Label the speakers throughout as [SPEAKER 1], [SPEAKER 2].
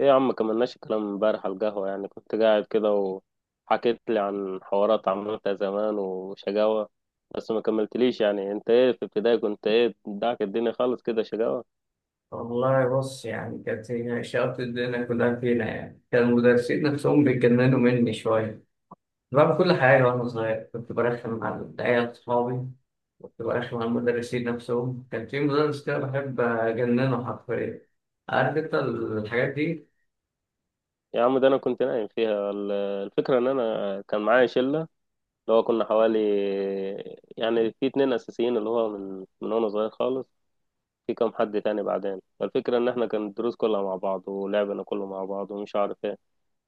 [SPEAKER 1] ايه يا عم، كملناش الكلام امبارح على القهوة. يعني كنت قاعد كده وحكيت لي عن حوارات عملتها زمان وشقاوة، بس ما كملتليش. يعني انت ايه في ابتدائي؟ كنت ايه داك الدنيا؟ خالص كده شقاوة؟
[SPEAKER 2] والله بص، يعني كانت هي شقة الدنيا كلها فينا. يعني كان المدرسين نفسهم بيتجننوا مني شوية. كنت بعمل كل حاجة وأنا صغير، كنت برخم على العيال صحابي، كنت برخم على المدرسين نفسهم. كان في مدرس كده بحب أجننه حرفيا. عارف أنت الحاجات دي.
[SPEAKER 1] يا عم ده انا كنت نايم فيها. الفكرة ان انا كان معايا شلة، اللي هو كنا حوالي، يعني في اتنين اساسيين، اللي هو من وانا صغير خالص، في كام حد تاني بعدين. فالفكرة ان احنا كان الدروس كلها مع بعض ولعبنا كله مع بعض ومش عارف ايه.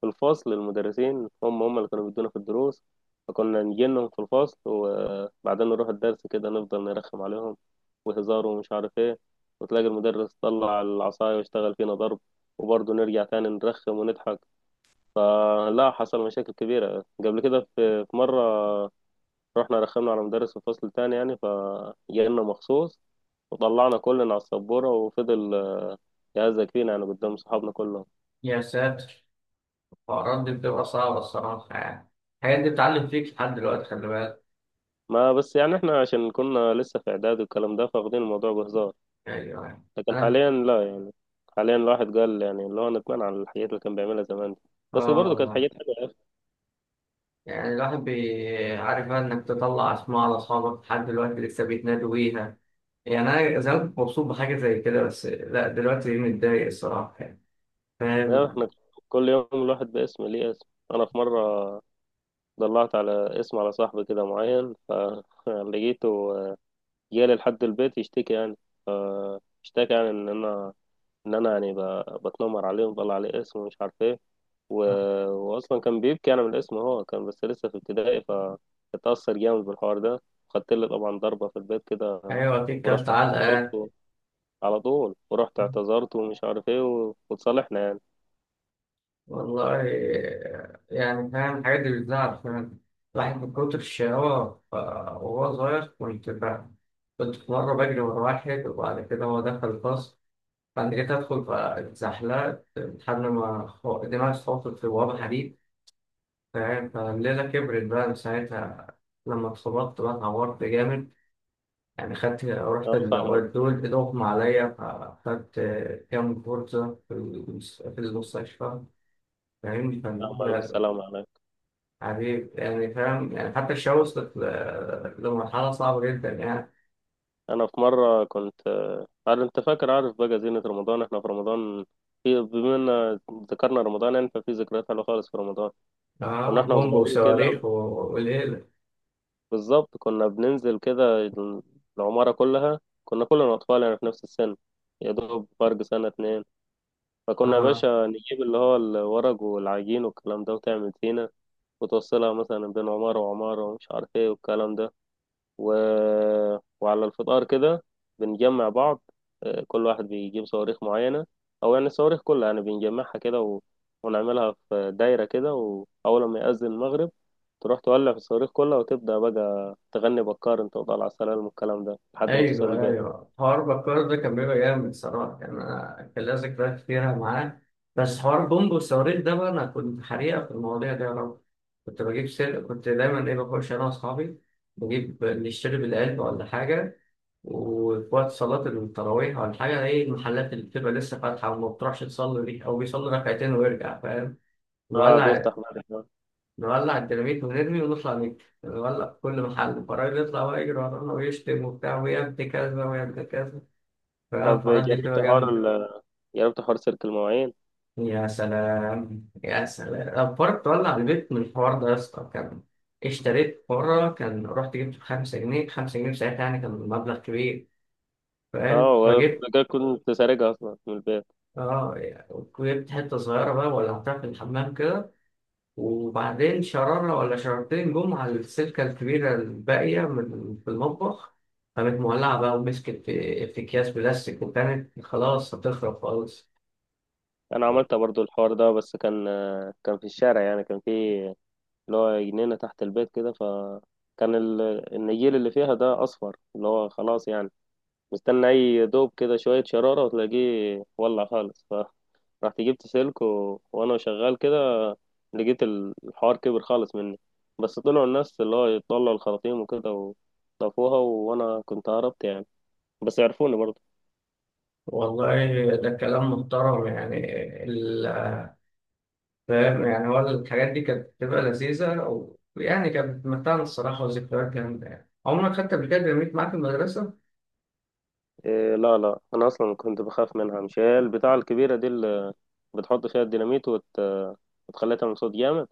[SPEAKER 1] في الفصل المدرسين هم اللي كانوا بيدونا في الدروس، فكنا نجي لهم في الفصل وبعدين نروح الدرس كده، نفضل نرخم عليهم وهزار ومش عارف ايه، وتلاقي المدرس طلع العصاية واشتغل فينا ضرب، وبرضه نرجع تاني نرخم ونضحك. آه، لا، حصل مشاكل كبيرة قبل كده. في مرة رحنا رخمنا على مدرس في فصل تاني، يعني فجالنا مخصوص، وطلعنا كلنا على السبورة وفضل يهزك فينا يعني قدام صحابنا كلهم.
[SPEAKER 2] يا ساتر، الحوارات دي بتبقى صعبة الصراحة يعني. الحاجات دي بتعلم فيك لحد دلوقتي، خلي بالك.
[SPEAKER 1] ما بس يعني احنا عشان كنا لسه في اعداد والكلام ده فاخدين الموضوع بهزار،
[SPEAKER 2] أيوه.
[SPEAKER 1] لكن
[SPEAKER 2] أنا.
[SPEAKER 1] حاليا لا يعني. حاليا الواحد قال يعني اللي هو ندمان على الحاجات اللي كان بيعملها زمان دي، بس
[SPEAKER 2] آه
[SPEAKER 1] برضه كانت
[SPEAKER 2] والله.
[SPEAKER 1] حاجات حلوه يا اخي.
[SPEAKER 2] يعني الواحد عارف بقى إنك تطلع أسماء على أصحابك لحد دلوقتي لسه بيتنادوا بيها. يعني انا زمان كنت مبسوط بحاجه زي كده، بس لا، دلوقتي متضايق الصراحه يعني.
[SPEAKER 1] يعني احنا
[SPEAKER 2] فاهم.
[SPEAKER 1] كل يوم الواحد باسم ليه اسم. انا في مره ضلعت على اسم على صاحبي كده معين، فلقيته جالي لحد البيت يشتكي يعني، فاشتكى يعني ان انا، ان انا يعني بتنمر عليه وبطلع عليه اسم ومش عارف ايه و... واصلا كان بيبكي. انا من الاسم هو كان بس لسه في ابتدائي، فاتأثر جامد بالحوار ده. خدت لي طبعا ضربة في البيت كده،
[SPEAKER 2] ايوه اكيد كلت
[SPEAKER 1] ورحت اعتذرت
[SPEAKER 2] علقه.
[SPEAKER 1] على طول ورحت اعتذرت ومش عارف ايه وتصالحنا يعني.
[SPEAKER 2] والله. يعني فاهم، الحاجات دي بتزعل، فاهم. الواحد من كتر الشقاوة وهو صغير، كنت في مرة بجري ورا واحد، وبعد كده هو دخل الفصل، بعد كده أدخل فاتزحلقت لحد ما دماغي اتخبطت في بوابة حديد. فاهم، فالليلة كبرت بقى من ساعتها. لما اتخبطت بقى اتعورت جامد. يعني خدت، رحت
[SPEAKER 1] انا
[SPEAKER 2] الأوقات
[SPEAKER 1] فاهمك،
[SPEAKER 2] دول إضغطوا عليا. فخدت كام كورسة في في المستشفى. فاهمني
[SPEAKER 1] فاهمك، الف السلام عليك.
[SPEAKER 2] يعني فاهم، يعني حتى الشباب وصلت لمرحلة صعبة جدا يعني.
[SPEAKER 1] انا في مرة كنت عارف انت، فاكر، عارف بقى زينة رمضان، احنا في رمضان، في بما ان ذكرنا رمضان يعني، ففي ذكريات حلوة خالص في رمضان.
[SPEAKER 2] آه،
[SPEAKER 1] كنا احنا
[SPEAKER 2] بومب
[SPEAKER 1] وصغيرين كده،
[SPEAKER 2] وصواريخ وليلة.
[SPEAKER 1] بالظبط كنا بننزل كده، العمارة كلها كنا كلنا أطفال يعني في نفس السن، يا دوب فرق سنة اتنين. فكنا يا
[SPEAKER 2] آه،
[SPEAKER 1] باشا نجيب اللي هو الورق والعجين والكلام ده وتعمل زينة، وتوصلها مثلا بين عمارة وعمارة ومش عارف ايه والكلام ده، و... وعلى الفطار كده بنجمع بعض. آه، كل واحد بيجيب صواريخ معينة، أو يعني الصواريخ كلها يعني بنجمعها كده ونعملها في دايرة كده، وأول ما يأذن المغرب تروح تولع في الصواريخ كلها وتبدأ بقى تغني بكار انت وطالع على السلام والكلام ده لحد ما توصل
[SPEAKER 2] ايوه
[SPEAKER 1] البيت.
[SPEAKER 2] ايوه، حوار بكار ده كان بيبقى جامد صراحه. كان أنا كان ليا ذكريات كتيره معاه. بس حوار بومب وصواريخ ده بقى، انا كنت حريقه في المواضيع دي يا رب. كنت بجيب كنت دايما ايه بخش انا واصحابي، بجيب نشتري بالقلب ولا حاجه. وفي وقت صلاه التراويح ولا حاجه، ايه، المحلات اللي بتبقى لسه فاتحه وما بتروحش تصلي دي، او بيصلي ركعتين ويرجع، فاهم.
[SPEAKER 1] اه،
[SPEAKER 2] نولع.
[SPEAKER 1] بيفتح بعد كده.
[SPEAKER 2] نولع الديناميت ونرمي ونطلع نجري. نولع في كل محل، فالراجل يطلع بقى يجري ورانا ويشتم وبتاع، ويا ابن كذا ويا ابن كذا.
[SPEAKER 1] طب
[SPEAKER 2] الحوارات دي
[SPEAKER 1] جربت
[SPEAKER 2] بتبقى
[SPEAKER 1] حوار
[SPEAKER 2] جامدة.
[SPEAKER 1] جربت حوار سلك المواعين؟
[SPEAKER 2] يا سلام يا سلام، الفار تولع البيت من الحوار ده يا اسطى. كان اشتريت مرة، كان رحت جبت بخمسة جنيه، خمسة جنيه في ساعتها يعني كان مبلغ كبير. فاهم،
[SPEAKER 1] اه، وأنا
[SPEAKER 2] فجبت.
[SPEAKER 1] كده كنت سارقها اصلا من البيت.
[SPEAKER 2] اه، جبت حتة صغيرة بقى ولعتها في الحمام كده، وبعدين شرارة ولا شرارتين جم على السلكة الكبيرة الباقية من في المطبخ. كانت مولعة بقى، ومسكت في أكياس بلاستيك وكانت خلاص هتخرب خالص.
[SPEAKER 1] انا عملت برضو الحوار ده، بس كان كان في الشارع، يعني كان في اللي هو جنينة تحت البيت كده، فكان النجيل اللي فيها ده اصفر، اللي هو خلاص يعني مستني اي دوب كده شوية شرارة وتلاقيه ولع خالص. فرحت جبت سلك وانا شغال كده لقيت الحوار كبر خالص مني. بس طلعوا الناس اللي هو يطلعوا الخراطيم وكده وطفوها، وانا كنت هربت يعني، بس يعرفوني برضه.
[SPEAKER 2] والله ده كلام محترم يعني. ال- فاهم، يعني هو الحاجات دي كانت بتبقى لذيذة ويعني كانت بتمتعنا الصراحة، وذكريات جامدة يعني. عمرك خدت قبل كده ديناميت معاك في المدرسة؟
[SPEAKER 1] إيه، لا لا، انا اصلا كنت بخاف منها. مش هي البتاعة الكبيرة دي اللي بتحط فيها الديناميت وتخليها تعمل صوت جامد؟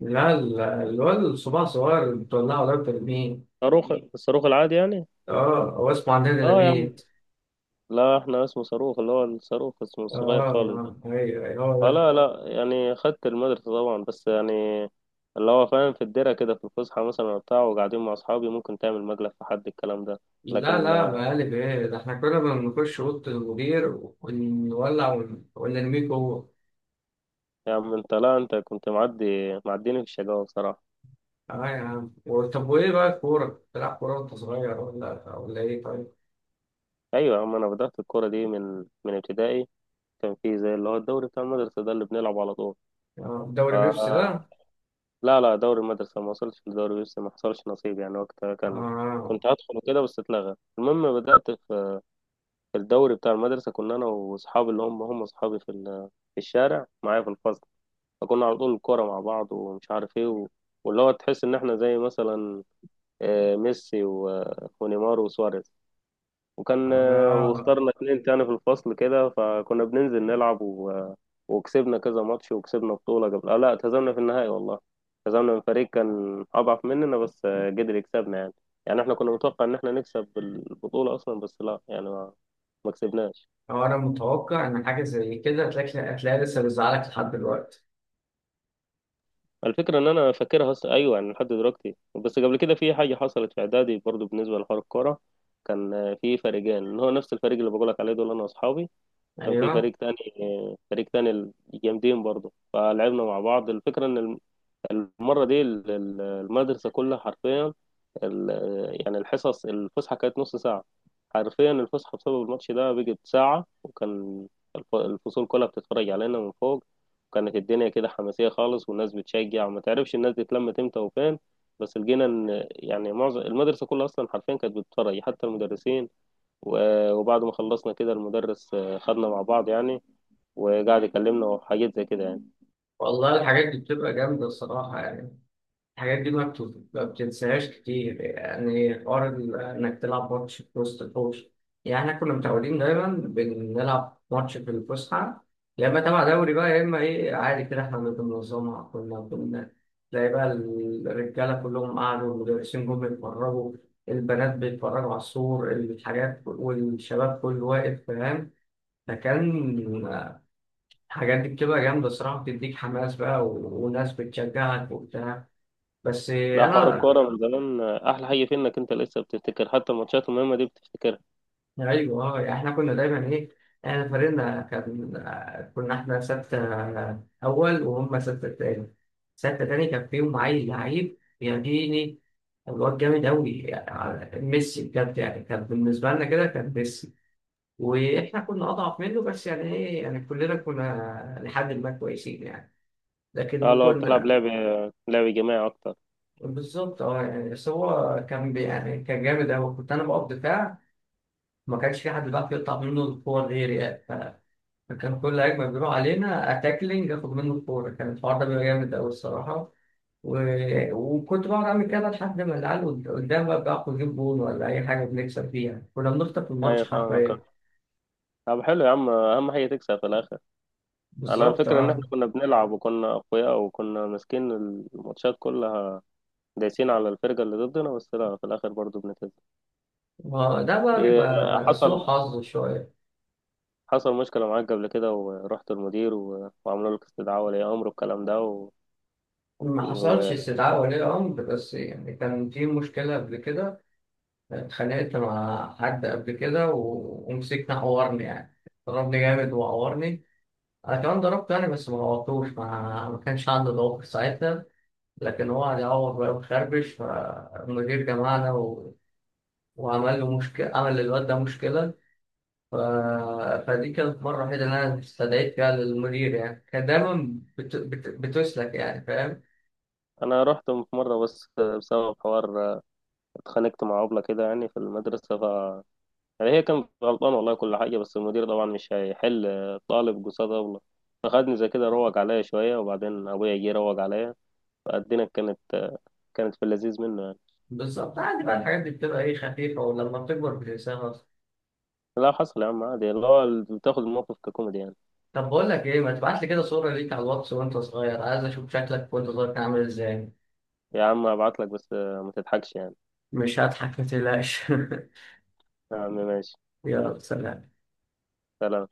[SPEAKER 2] لا، الواد الصباع صغير اللي بتولعه ده بترميه.
[SPEAKER 1] صاروخ، الصاروخ العادي يعني.
[SPEAKER 2] اه، هو اسمه عندنا
[SPEAKER 1] اه يا عم،
[SPEAKER 2] ديناميت.
[SPEAKER 1] لا احنا اسمه صاروخ، اللي هو الصاروخ اسمه
[SPEAKER 2] اه.
[SPEAKER 1] الصغير خالص.
[SPEAKER 2] آه، ايوه ايوه هو
[SPEAKER 1] اه لا
[SPEAKER 2] ده.
[SPEAKER 1] لا، يعني خدت المدرسة طبعا، بس يعني اللي هو فاهم في الدرة كده في الفسحة مثلا بتاع، وقاعدين مع أصحابي ممكن تعمل مجلس في حد الكلام ده.
[SPEAKER 2] لا
[SPEAKER 1] لكن
[SPEAKER 2] لا، مقالب ايه ده، احنا كنا بنخش أوضة المدير ونولع ونرميه جوه.
[SPEAKER 1] يا عم، أنت، لا أنت كنت معدي، معديني في الشقاوة بصراحة.
[SPEAKER 2] اه يا عم. طب وايه بقى الكورة؟ بتلعب كورة وانت صغير، ولا ولا ايه طيب؟
[SPEAKER 1] أيوة يا عم، أنا بدأت الكورة دي من ابتدائي. كان في زي اللي هو الدوري بتاع المدرسة ده اللي بنلعب على طول.
[SPEAKER 2] آه،
[SPEAKER 1] ف
[SPEAKER 2] دوري بيبسي ده.
[SPEAKER 1] لا لا، دوري المدرسة، ما وصلتش لدوري بس، ما حصلش نصيب يعني وقتها، كان
[SPEAKER 2] آه.
[SPEAKER 1] كنت هدخل وكده بس اتلغى. المهم، بدأت في في الدوري بتاع المدرسة. كنا أنا وأصحابي اللي هم أصحابي في في الشارع معايا في الفصل، فكنا على طول الكورة مع بعض ومش عارف إيه واللي هو تحس إن إحنا زي مثلا ميسي ونيمار وسواريز. وكان
[SPEAKER 2] آه.
[SPEAKER 1] واخترنا اتنين تاني في الفصل كده، فكنا بننزل نلعب وكسبنا كذا ماتش وكسبنا بطولة. قبل آه، لا، اتهزمنا في النهائي والله. اتهزمنا من فريق كان أضعف مننا بس قدر يكسبنا يعني. يعني إحنا كنا متوقع إن إحنا نكسب البطولة أصلا، بس لا يعني ما كسبناش.
[SPEAKER 2] آه، أنا متوقع إن حاجة زي كده هتلاقي، هتلاقي لسه بيزعلك لحد دلوقتي.
[SPEAKER 1] الفكرة إن أنا فاكرها أصلا، أيوة يعني لحد دلوقتي. بس قبل كده في حاجة حصلت في إعدادي برضو بالنسبة لحوار الكورة. كان في فريقين، اللي هو نفس الفريق اللي بقولك عليه دول أنا وأصحابي، كان في
[SPEAKER 2] أيوه.
[SPEAKER 1] فريق تاني، فريق تاني جامدين برضو. فلعبنا مع بعض، الفكرة إن المرة دي المدرسة كلها حرفيا، ال... يعني الحصص، الفسحة كانت نص ساعة، حرفيا الفسحة بسبب الماتش ده بقت ساعة، وكان الفصول كلها بتتفرج علينا من فوق. وكانت الدنيا كده حماسية خالص، والناس بتشجع، وما تعرفش الناس دي اتلمت امتى وفين. بس لقينا ان يعني معظم المدرسة كلها اصلا حرفيا كانت بتتفرج، حتى المدرسين. وبعد ما خلصنا كده المدرس خدنا مع بعض يعني، وقعد يكلمنا وحاجات زي كده يعني.
[SPEAKER 2] والله الحاجات دي بتبقى جامدة الصراحة يعني. الحاجات دي ما بتنساهاش كتير، يعني حوار إنك تلعب ماتش في وسط الحوش. يعني إحنا كنا متعودين دايما بنلعب ماتش في الفسحة، يا إما تبع دوري بقى يا إما إيه، عادي كده إحنا اللي بننظمها. كنا تلاقي بقى الرجالة كلهم قعدوا، المدرسين جم يتفرجوا، البنات بيتفرجوا على السور الحاجات، والشباب كله واقف، فاهم. فكان الحاجات دي بتبقى جامدة صراحة، بتديك حماس بقى وناس بتشجعك وبتاع. بس
[SPEAKER 1] لا، حوار
[SPEAKER 2] أنا.
[SPEAKER 1] الكورة من زمان أحلى حاجة فيه إنك أنت لسه بتفتكر، حتى الماتشات المهمة دي بتفتكرها.
[SPEAKER 2] ايوه اه، يعني احنا كنا دايما ايه، احنا فريقنا كان آه، كنا احنا ستة، آه، اول وهم ستة تاني. ستة تاني كان فيهم عيل لعيب يعجبني، الواد جامد قوي يعني، ميسي بجد يعني، كان بالنسبة لنا كده كان ميسي. واحنا كنا اضعف منه، بس يعني ايه يعني كلنا كنا لحد ما كويسين يعني.
[SPEAKER 1] اه،
[SPEAKER 2] لكن
[SPEAKER 1] لو بتلعب
[SPEAKER 2] كنا.
[SPEAKER 1] لعب جماعي اكتر.
[SPEAKER 2] بالظبط، اه يعني. بس هو كان يعني كان جامد قوي. كنت انا بقف دفاع، ما كانش في حد بيعرف يقطع منه الكور غيري يعني. فكان كل هجمة بيروح علينا أتاكلينج آخد منه الكورة، كان الحوار ده بيبقى جامد أوي الصراحة. و... وكنت بقعد أعمل كده لحد ما العيال قدام بقى بيعرفوا يجيب جول ولا أي حاجة بنكسب فيها، كنا بنخطف الماتش
[SPEAKER 1] ايوه، فاهمك.
[SPEAKER 2] حرفيا.
[SPEAKER 1] طب حلو يا عم، اهم حاجه تكسب في الاخر. انا
[SPEAKER 2] بالظبط
[SPEAKER 1] الفكره ان احنا
[SPEAKER 2] أه.
[SPEAKER 1] كنا بنلعب وكنا اقوياء وكنا ماسكين الماتشات كلها، دايسين على الفرقه اللي ضدنا، بس لا في الاخر برضو بنتهزم.
[SPEAKER 2] ما ده بقى
[SPEAKER 1] إيه،
[SPEAKER 2] بيبقى سوء
[SPEAKER 1] حصل،
[SPEAKER 2] حظ شوية.
[SPEAKER 1] حصل مشكله معاك قبل كده ورحت المدير وعملوا لك استدعاء ولي امر والكلام ده
[SPEAKER 2] ما حصلش
[SPEAKER 1] وانا
[SPEAKER 2] استدعاء ولي أمر، بس يعني كان في مشكلة قبل كده. اتخانقت مع حد قبل كده، و... ومسكنا عورني يعني. ضربني جامد وعورني، انا كمان ضربت يعني، بس ما غلطتوش، ما كانش عنده ضوافر ساعتها. لكن هو قعد يعوض بقى وخربش، فالمدير جمعنا، و... وعمل له مشكله، عمل للواد ده مشكله. ف... فدي كانت المره الوحيده اللي انا استدعيت فيها للمدير. يعني كان دايما بتسلك يعني، فاهم.
[SPEAKER 1] رحت في مره بس بسبب حوار. اتخانقت مع ابله كده يعني في المدرسه. يعني هي كانت غلطانة والله كل حاجة، بس المدير طبعا مش هيحل طالب قصاد أبله، فخدني زي كده روج عليا شوية، وبعدين أبويا جه روج عليا. فالدنيا كانت، كانت في اللذيذ منه يعني.
[SPEAKER 2] بالظبط، عادي بقى الحاجات دي بتبقى ايه خفيفه، ولما بتكبر بتنساها اصلا.
[SPEAKER 1] لا حصل يا عم، عادي، اللي هو بتاخد الموقف ككوميدي يعني.
[SPEAKER 2] طب بقول لك ايه، ما تبعت لي كده صوره ليك على الواتس وانت صغير، عايز اشوف شكلك وانت صغير كان عامل ازاي.
[SPEAKER 1] يا عم هبعتلك، بس ما تضحكش يعني.
[SPEAKER 2] مش هضحك، ما تقلقش.
[SPEAKER 1] يا عم ماشي.
[SPEAKER 2] يلا سلام.
[SPEAKER 1] سلام.